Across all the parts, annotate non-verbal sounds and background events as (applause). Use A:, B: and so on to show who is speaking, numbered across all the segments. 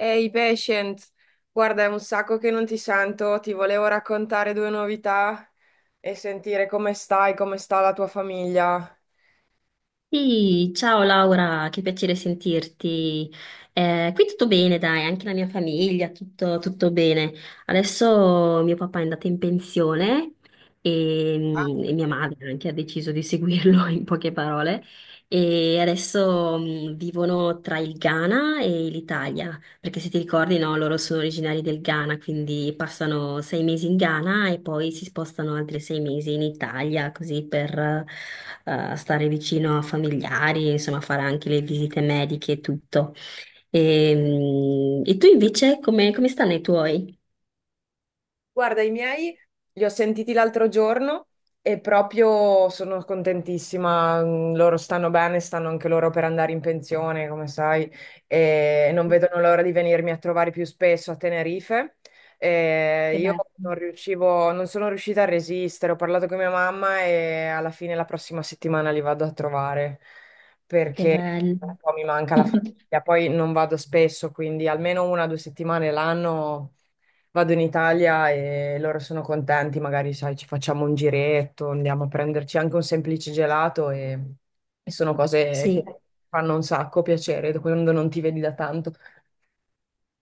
A: Ehi, patient, guarda, è un sacco che non ti sento, ti volevo raccontare due novità e sentire come stai, come sta la tua famiglia.
B: Sì, ciao Laura, che piacere sentirti. Qui tutto bene, dai, anche la mia famiglia, tutto, tutto bene. Adesso mio papà è andato in pensione e mia madre anche ha deciso di seguirlo (laughs) in poche parole. E adesso vivono tra il Ghana e l'Italia. Perché se ti ricordi, no, loro sono originari del Ghana, quindi passano 6 mesi in Ghana e poi si spostano altri 6 mesi in Italia, così per stare vicino a familiari, insomma, fare anche le visite mediche e tutto. E tu invece, come stanno i tuoi?
A: Guarda, i miei li ho sentiti l'altro giorno e proprio sono contentissima. Loro stanno bene, stanno anche loro per andare in pensione, come sai, e non vedono l'ora di venirmi a trovare più spesso a Tenerife. E
B: Che
A: io
B: bello,
A: non sono riuscita a resistere. Ho parlato con mia mamma e alla fine la prossima settimana li vado a trovare
B: che
A: perché
B: bello.
A: un po' mi manca la
B: (laughs)
A: famiglia. Poi non vado spesso, quindi almeno 1 o 2 settimane l'anno. Vado in Italia e loro sono contenti, magari sai, ci facciamo un giretto, andiamo a prenderci anche un semplice gelato e sono cose che
B: Sì.
A: fanno un sacco piacere quando non ti vedi da tanto.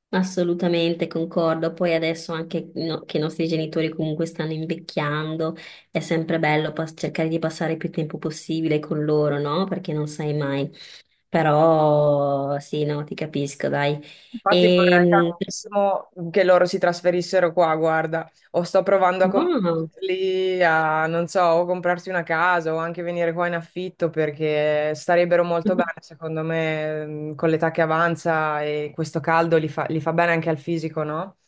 B: Assolutamente concordo, poi adesso anche che i nostri genitori comunque stanno invecchiando, è sempre bello cercare di passare più tempo possibile con loro, no? Perché non sai mai. Però sì, no, ti capisco, dai.
A: Infatti vorrei
B: E,
A: tantissimo che loro si trasferissero qua, guarda, o sto provando a
B: no,
A: convincerli a, non so, o comprarsi una casa o anche venire qua in affitto perché starebbero molto bene,
B: (laughs)
A: secondo me, con l'età che avanza e questo caldo li fa bene anche al fisico, no?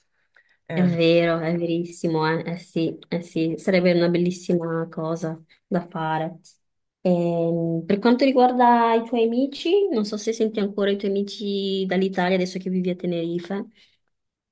B: è
A: Eh.
B: vero, è verissimo, eh sì, sarebbe una bellissima cosa da fare. Per quanto riguarda i tuoi amici, non so se senti ancora i tuoi amici dall'Italia adesso che vivi a Tenerife.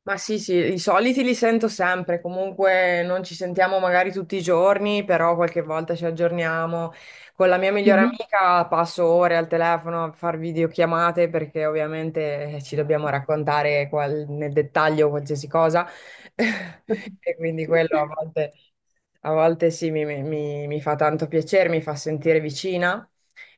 A: Ma sì, sì, i soliti li sento sempre, comunque non ci sentiamo magari tutti i giorni, però qualche volta ci aggiorniamo. Con la mia migliore
B: Mhm.
A: amica passo ore al telefono a far videochiamate perché ovviamente ci dobbiamo raccontare nel dettaglio qualsiasi cosa (laughs) e quindi quello a
B: (laughs)
A: volte, a volte sì mi fa tanto piacere, mi fa sentire vicina.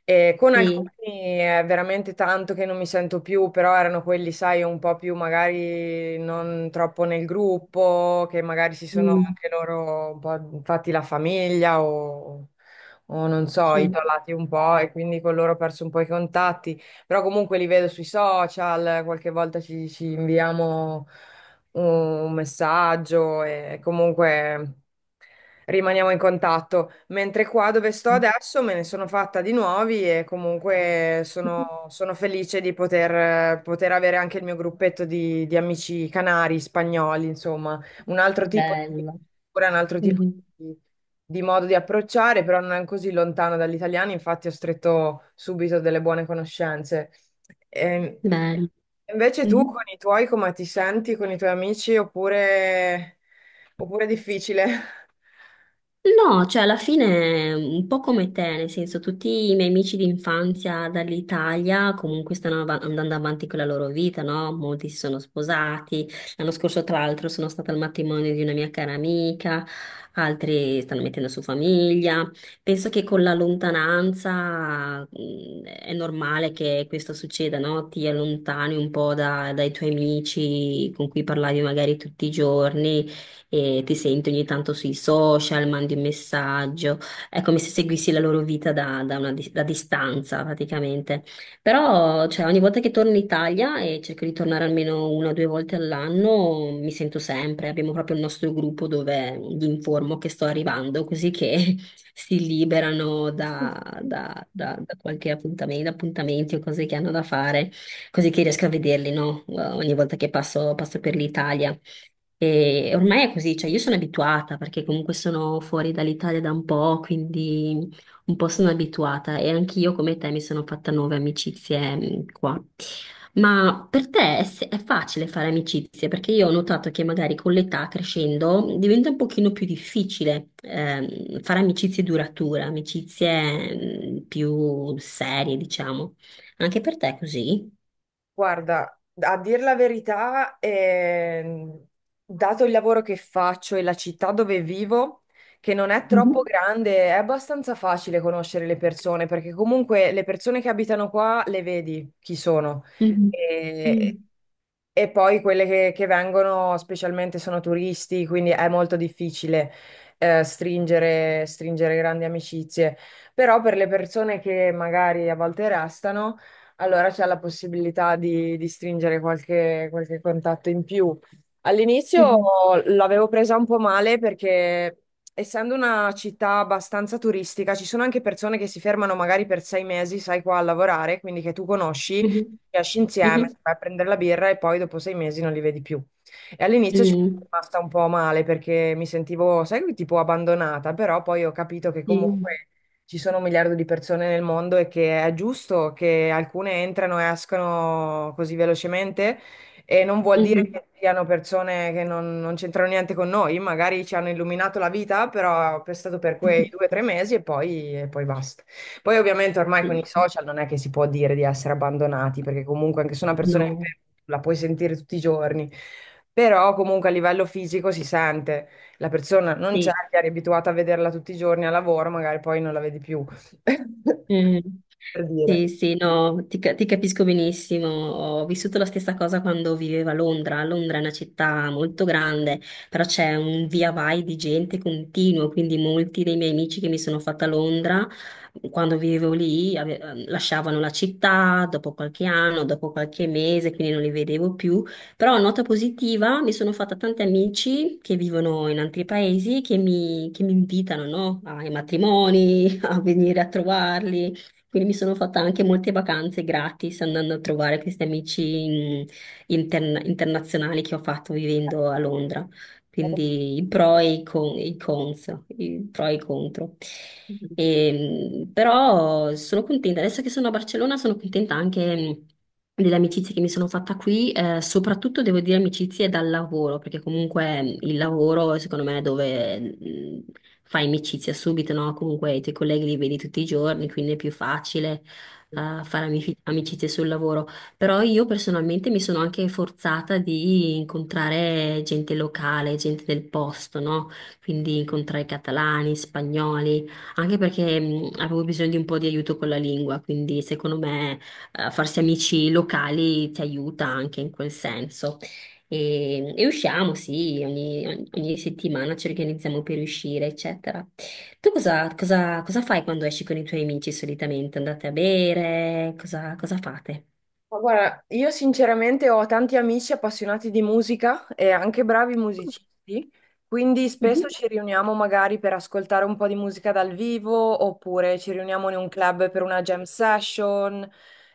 A: E con
B: Sì.
A: alcuni è veramente tanto che non mi sento più, però erano quelli, sai, un po' più magari non troppo nel gruppo, che magari si sono
B: Mm.
A: anche loro un po' fatti la famiglia o non so,
B: Sì.
A: isolati un po' e quindi con loro ho perso un po' i contatti, però comunque li vedo sui social, qualche volta ci inviamo un messaggio e comunque rimaniamo in contatto. Mentre qua dove sto adesso me ne sono fatta di nuovi e comunque sono felice di poter avere anche il mio gruppetto di amici canari, spagnoli, insomma, un altro tipo di
B: Bello.
A: cultura, un altro tipo
B: Mhm.
A: di, di modo di approcciare, però non così lontano dall'italiano, infatti ho stretto subito delle buone conoscenze. Ehm,
B: Bello.
A: Invece tu
B: Mhm.
A: con i tuoi come ti senti, con i tuoi amici, oppure, è difficile? (laughs)
B: No, cioè alla fine un po' come te, nel senso tutti i miei amici d'infanzia dall'Italia comunque stanno andando avanti con la loro vita, no? Molti si sono sposati, l'anno scorso tra l'altro sono stata al matrimonio di una mia cara amica, altri stanno mettendo su famiglia. Penso che con la lontananza è normale che questo succeda, no? Ti allontani un po' dai tuoi amici con cui parlavi magari tutti i giorni e ti senti ogni tanto sui social, mandi un messaggio, è come se seguissi la loro vita da, da una dis- da distanza praticamente. Però cioè, ogni volta che torno in Italia e cerco di tornare almeno una o due volte all'anno, mi sento sempre, abbiamo proprio il nostro gruppo dove gli informo che sto arrivando, così che (laughs) si liberano da qualche appuntamento, appuntamenti o cose che hanno da fare, così che riesco a vederli, no? Ogni volta che passo per l'Italia. E ormai è così, cioè io sono abituata perché comunque sono fuori dall'Italia da un po', quindi un po' sono abituata e anch'io come te mi sono fatta nuove amicizie qua. Ma per te è, se- è facile fare amicizie? Perché io ho notato che magari con l'età crescendo diventa un pochino più difficile fare amicizie durature, amicizie più serie, diciamo. Anche per te è così?
A: Guarda, a dir la verità, dato il lavoro che faccio e la città dove vivo, che non è troppo
B: Mhm,
A: grande, è abbastanza facile conoscere le persone, perché comunque le persone che abitano qua le vedi chi sono.
B: mhm. Mm.
A: E, e poi quelle che vengono specialmente sono turisti, quindi è molto difficile, stringere grandi amicizie. Però per le persone che magari a volte restano allora c'è la possibilità di stringere qualche contatto in più. All'inizio
B: Mhm,
A: l'avevo presa un po' male perché, essendo una città abbastanza turistica, ci sono anche persone che si fermano magari per 6 mesi, sai, qua a lavorare, quindi che tu conosci,
B: mhm,
A: che esci insieme,
B: mhm.
A: vai a prendere la birra e poi dopo 6 mesi non li vedi più. E all'inizio ci sono
B: Mm,
A: rimasta un po' male perché mi sentivo, sai, tipo abbandonata, però poi ho capito che
B: sì.
A: comunque ci sono un miliardo di persone nel mondo e che è giusto che alcune entrano e escano così velocemente e non vuol dire
B: Mhm.
A: che siano persone che non c'entrano niente con noi, magari ci hanno illuminato la vita, però è stato per quei due
B: (laughs)
A: o tre mesi e poi basta. Poi ovviamente ormai con i
B: Sì.
A: social non è che si può dire di essere abbandonati, perché comunque anche se una persona è
B: No,
A: inferma, la puoi sentire tutti i giorni, però comunque a livello fisico si sente. La persona non c'è,
B: sì.
A: che eri abituata a vederla tutti i giorni al lavoro, magari poi non la vedi più, (laughs) per
B: Mm.
A: dire.
B: Sì, sì, no, ti capisco benissimo. Ho vissuto la stessa cosa quando vivevo a Londra. Londra è una città molto grande, però c'è un via vai di gente continuo, quindi molti dei miei amici che mi sono fatta a Londra, quando vivevo lì, lasciavano la città dopo qualche anno, dopo qualche mese, quindi non li vedevo più. Però, nota positiva, mi sono fatta tanti amici che vivono in altri paesi che mi invitano, no? Ai matrimoni. (laughs) A venire a trovarli. Quindi mi sono fatta anche molte vacanze gratis andando a trovare questi amici internazionali che ho fatto vivendo a Londra. Quindi i pro e i cons, i pro e i contro. E, però sono contenta, adesso che sono a Barcellona sono contenta anche delle amicizie che mi sono fatta qui, soprattutto devo dire amicizie dal lavoro, perché comunque il lavoro secondo me è dove fai amicizia subito, no? Comunque i tuoi colleghi li vedi tutti i giorni, quindi è più facile fare amicizie sul lavoro. Però io personalmente mi sono anche forzata di incontrare gente locale, gente del posto, no? Quindi incontrare catalani, spagnoli. Anche perché avevo bisogno di un po' di aiuto con la lingua, quindi secondo me farsi amici locali ti aiuta anche in quel senso. E usciamo, sì, ogni settimana ci organizziamo per uscire, eccetera. Tu cosa fai quando esci con i tuoi amici solitamente? Andate a bere? Cosa fate?
A: Ma guarda, io sinceramente ho tanti amici appassionati di musica e anche bravi musicisti, quindi spesso
B: Mhm.
A: ci riuniamo magari per ascoltare un po' di musica dal vivo oppure ci riuniamo in un club per una jam session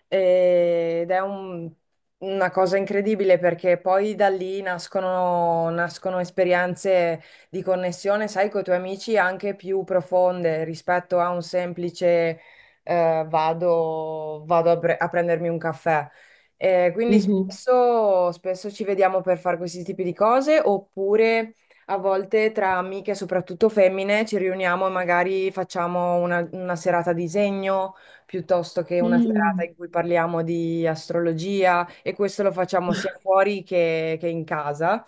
A: ed è una cosa incredibile perché poi da lì nascono esperienze di connessione, sai, con i tuoi amici anche più profonde rispetto a un semplice vado a prendermi un caffè. Quindi
B: Mhm.
A: spesso ci vediamo per fare questi tipi di cose, oppure a volte tra amiche, soprattutto femmine, ci riuniamo e magari facciamo una serata a disegno piuttosto che una serata
B: Mm.
A: in cui parliamo di astrologia e questo lo facciamo sia fuori che in casa.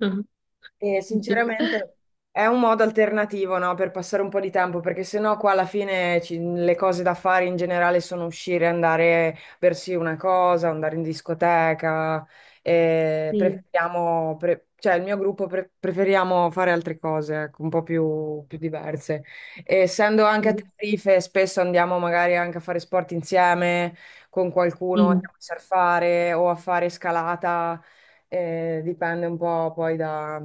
B: (laughs)
A: E sinceramente è un modo alternativo, no, per passare un po' di tempo, perché sennò qua alla fine le cose da fare in generale sono uscire, andare a bersi una cosa, andare in discoteca, e
B: Sì,
A: preferiamo, cioè il mio gruppo preferiamo fare altre cose, ecco, un po' più diverse. E essendo anche a
B: sì.
A: Tenerife, spesso andiamo magari anche a fare sport insieme con qualcuno,
B: Mm.
A: andiamo a surfare o a fare scalata, dipende un po' poi da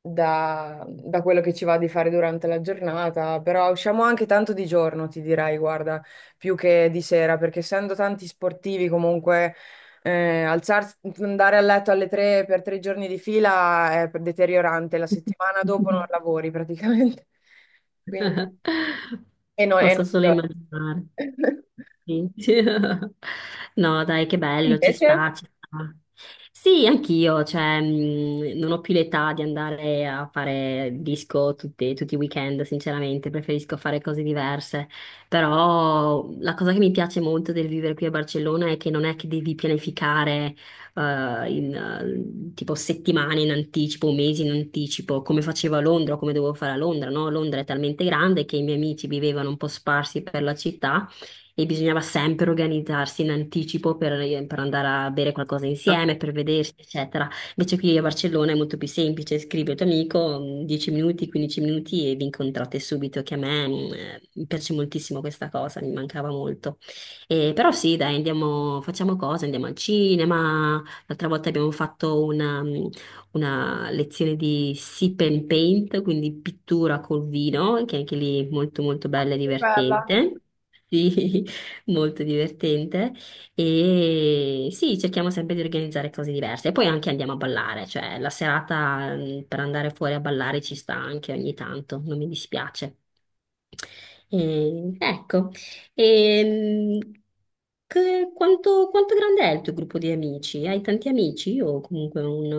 A: da quello che ci va di fare durante la giornata, però usciamo anche tanto di giorno, ti dirai, guarda, più che di sera, perché essendo tanti sportivi comunque alzarsi, andare a letto alle 3 per 3 giorni di fila è deteriorante, la settimana dopo non
B: (laughs)
A: lavori praticamente. (laughs) Quindi,
B: (laughs)
A: e
B: Posso
A: non.
B: solo immaginare.
A: (laughs)
B: Sì. (laughs) No, dai, che bello, ci
A: Invece?
B: sta, ci sta. Sì, anch'io, cioè, non ho più l'età di andare a fare disco tutti i weekend, sinceramente, preferisco fare cose diverse. Però la cosa che mi piace molto del vivere qui a Barcellona è che non è che devi pianificare in tipo settimane in anticipo, mesi in anticipo, come facevo a Londra, o come dovevo fare a Londra, no? Londra è talmente grande che i miei amici vivevano un po' sparsi per la città e bisognava sempre organizzarsi in anticipo per andare a bere qualcosa
A: Ah.
B: insieme, per vedersi, eccetera. Invece qui a Barcellona è molto più semplice, scrivi al tuo amico 10 minuti, 15 minuti e vi incontrate subito, che a me mi piace moltissimo questa cosa, mi mancava molto. Però sì, dai, andiamo, facciamo cose, andiamo al cinema. L'altra volta abbiamo fatto una lezione di sip and paint, quindi pittura col vino, che anche lì è molto molto bella e
A: Bella.
B: divertente. (laughs) Sì. Molto divertente e sì, cerchiamo sempre di organizzare cose diverse e poi anche andiamo a ballare, cioè la serata per andare fuori a ballare ci sta anche ogni tanto, non mi dispiace. E, ecco, e, mh, quanto grande è il tuo gruppo di amici? Hai tanti amici o comunque un,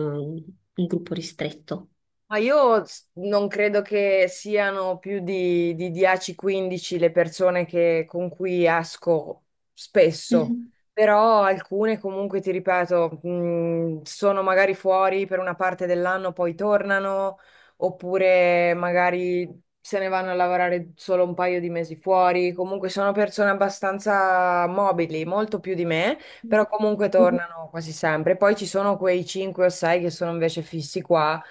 B: un gruppo ristretto?
A: Ma io non credo che siano più di 10-15 le persone con cui esco spesso,
B: Mhm.
A: però alcune comunque, ti ripeto, sono magari fuori per una parte dell'anno, poi tornano, oppure magari se ne vanno a lavorare solo un paio di mesi fuori. Comunque sono persone abbastanza mobili, molto più di me, però comunque
B: Mhm.
A: tornano quasi sempre. Poi ci sono quei 5 o 6 che sono invece fissi qua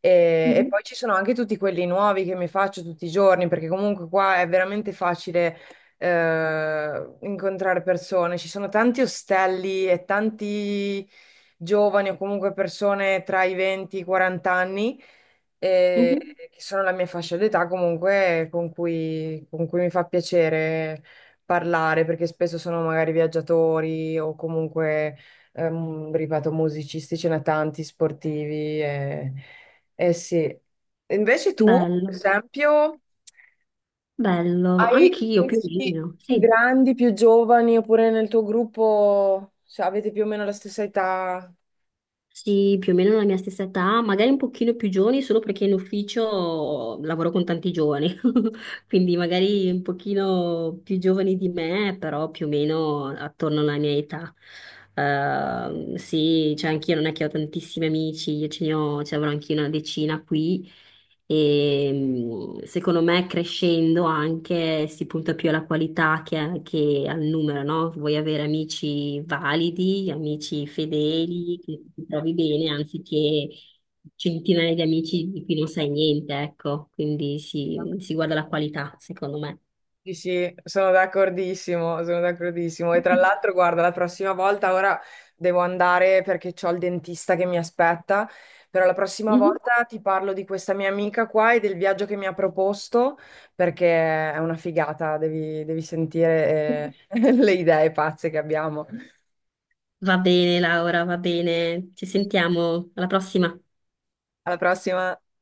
A: e
B: Mhm.
A: poi ci sono anche tutti quelli nuovi che mi faccio tutti i giorni, perché comunque qua è veramente facile incontrare persone. Ci sono tanti ostelli e tanti giovani o comunque persone tra i 20 e i 40 anni, eh,
B: Mhm.
A: che sono la mia fascia d'età comunque con cui mi fa piacere parlare, perché spesso sono magari viaggiatori o comunque, ripeto, musicisti, ce ne tanti, sportivi. Eh sì. Invece tu, per
B: Bello,
A: esempio,
B: bello,
A: hai
B: anch'io più o
A: amici
B: meno,
A: più
B: sì.
A: grandi, più giovani, oppure nel tuo gruppo, cioè, avete più o meno la stessa età?
B: Sì, più o meno la mia stessa età, magari un pochino più giovani, solo perché in ufficio lavoro con tanti giovani, (laughs) quindi magari un pochino più giovani di me, però più o meno attorno alla mia età. Sì, cioè anch'io non è che ho tantissimi amici, io ce ne ho, ce ne avrò anch'io una decina qui, e secondo me crescendo anche si punta più alla qualità che al numero, no? Vuoi avere amici validi, amici fedeli, che ti trovi bene, anziché centinaia di amici di cui non sai niente, ecco. Quindi si guarda la qualità, secondo me.
A: Sì, sì, sono d'accordissimo, sono d'accordissimo. E tra l'altro, guarda, la prossima volta, ora devo andare perché ho il dentista che mi aspetta, però la prossima
B: Mhm.
A: volta ti parlo di questa mia amica qua e del viaggio che mi ha proposto, perché è una figata, devi sentire (laughs) le idee pazze che abbiamo.
B: Va bene, Laura, va bene. Ci sentiamo alla prossima.
A: Alla prossima.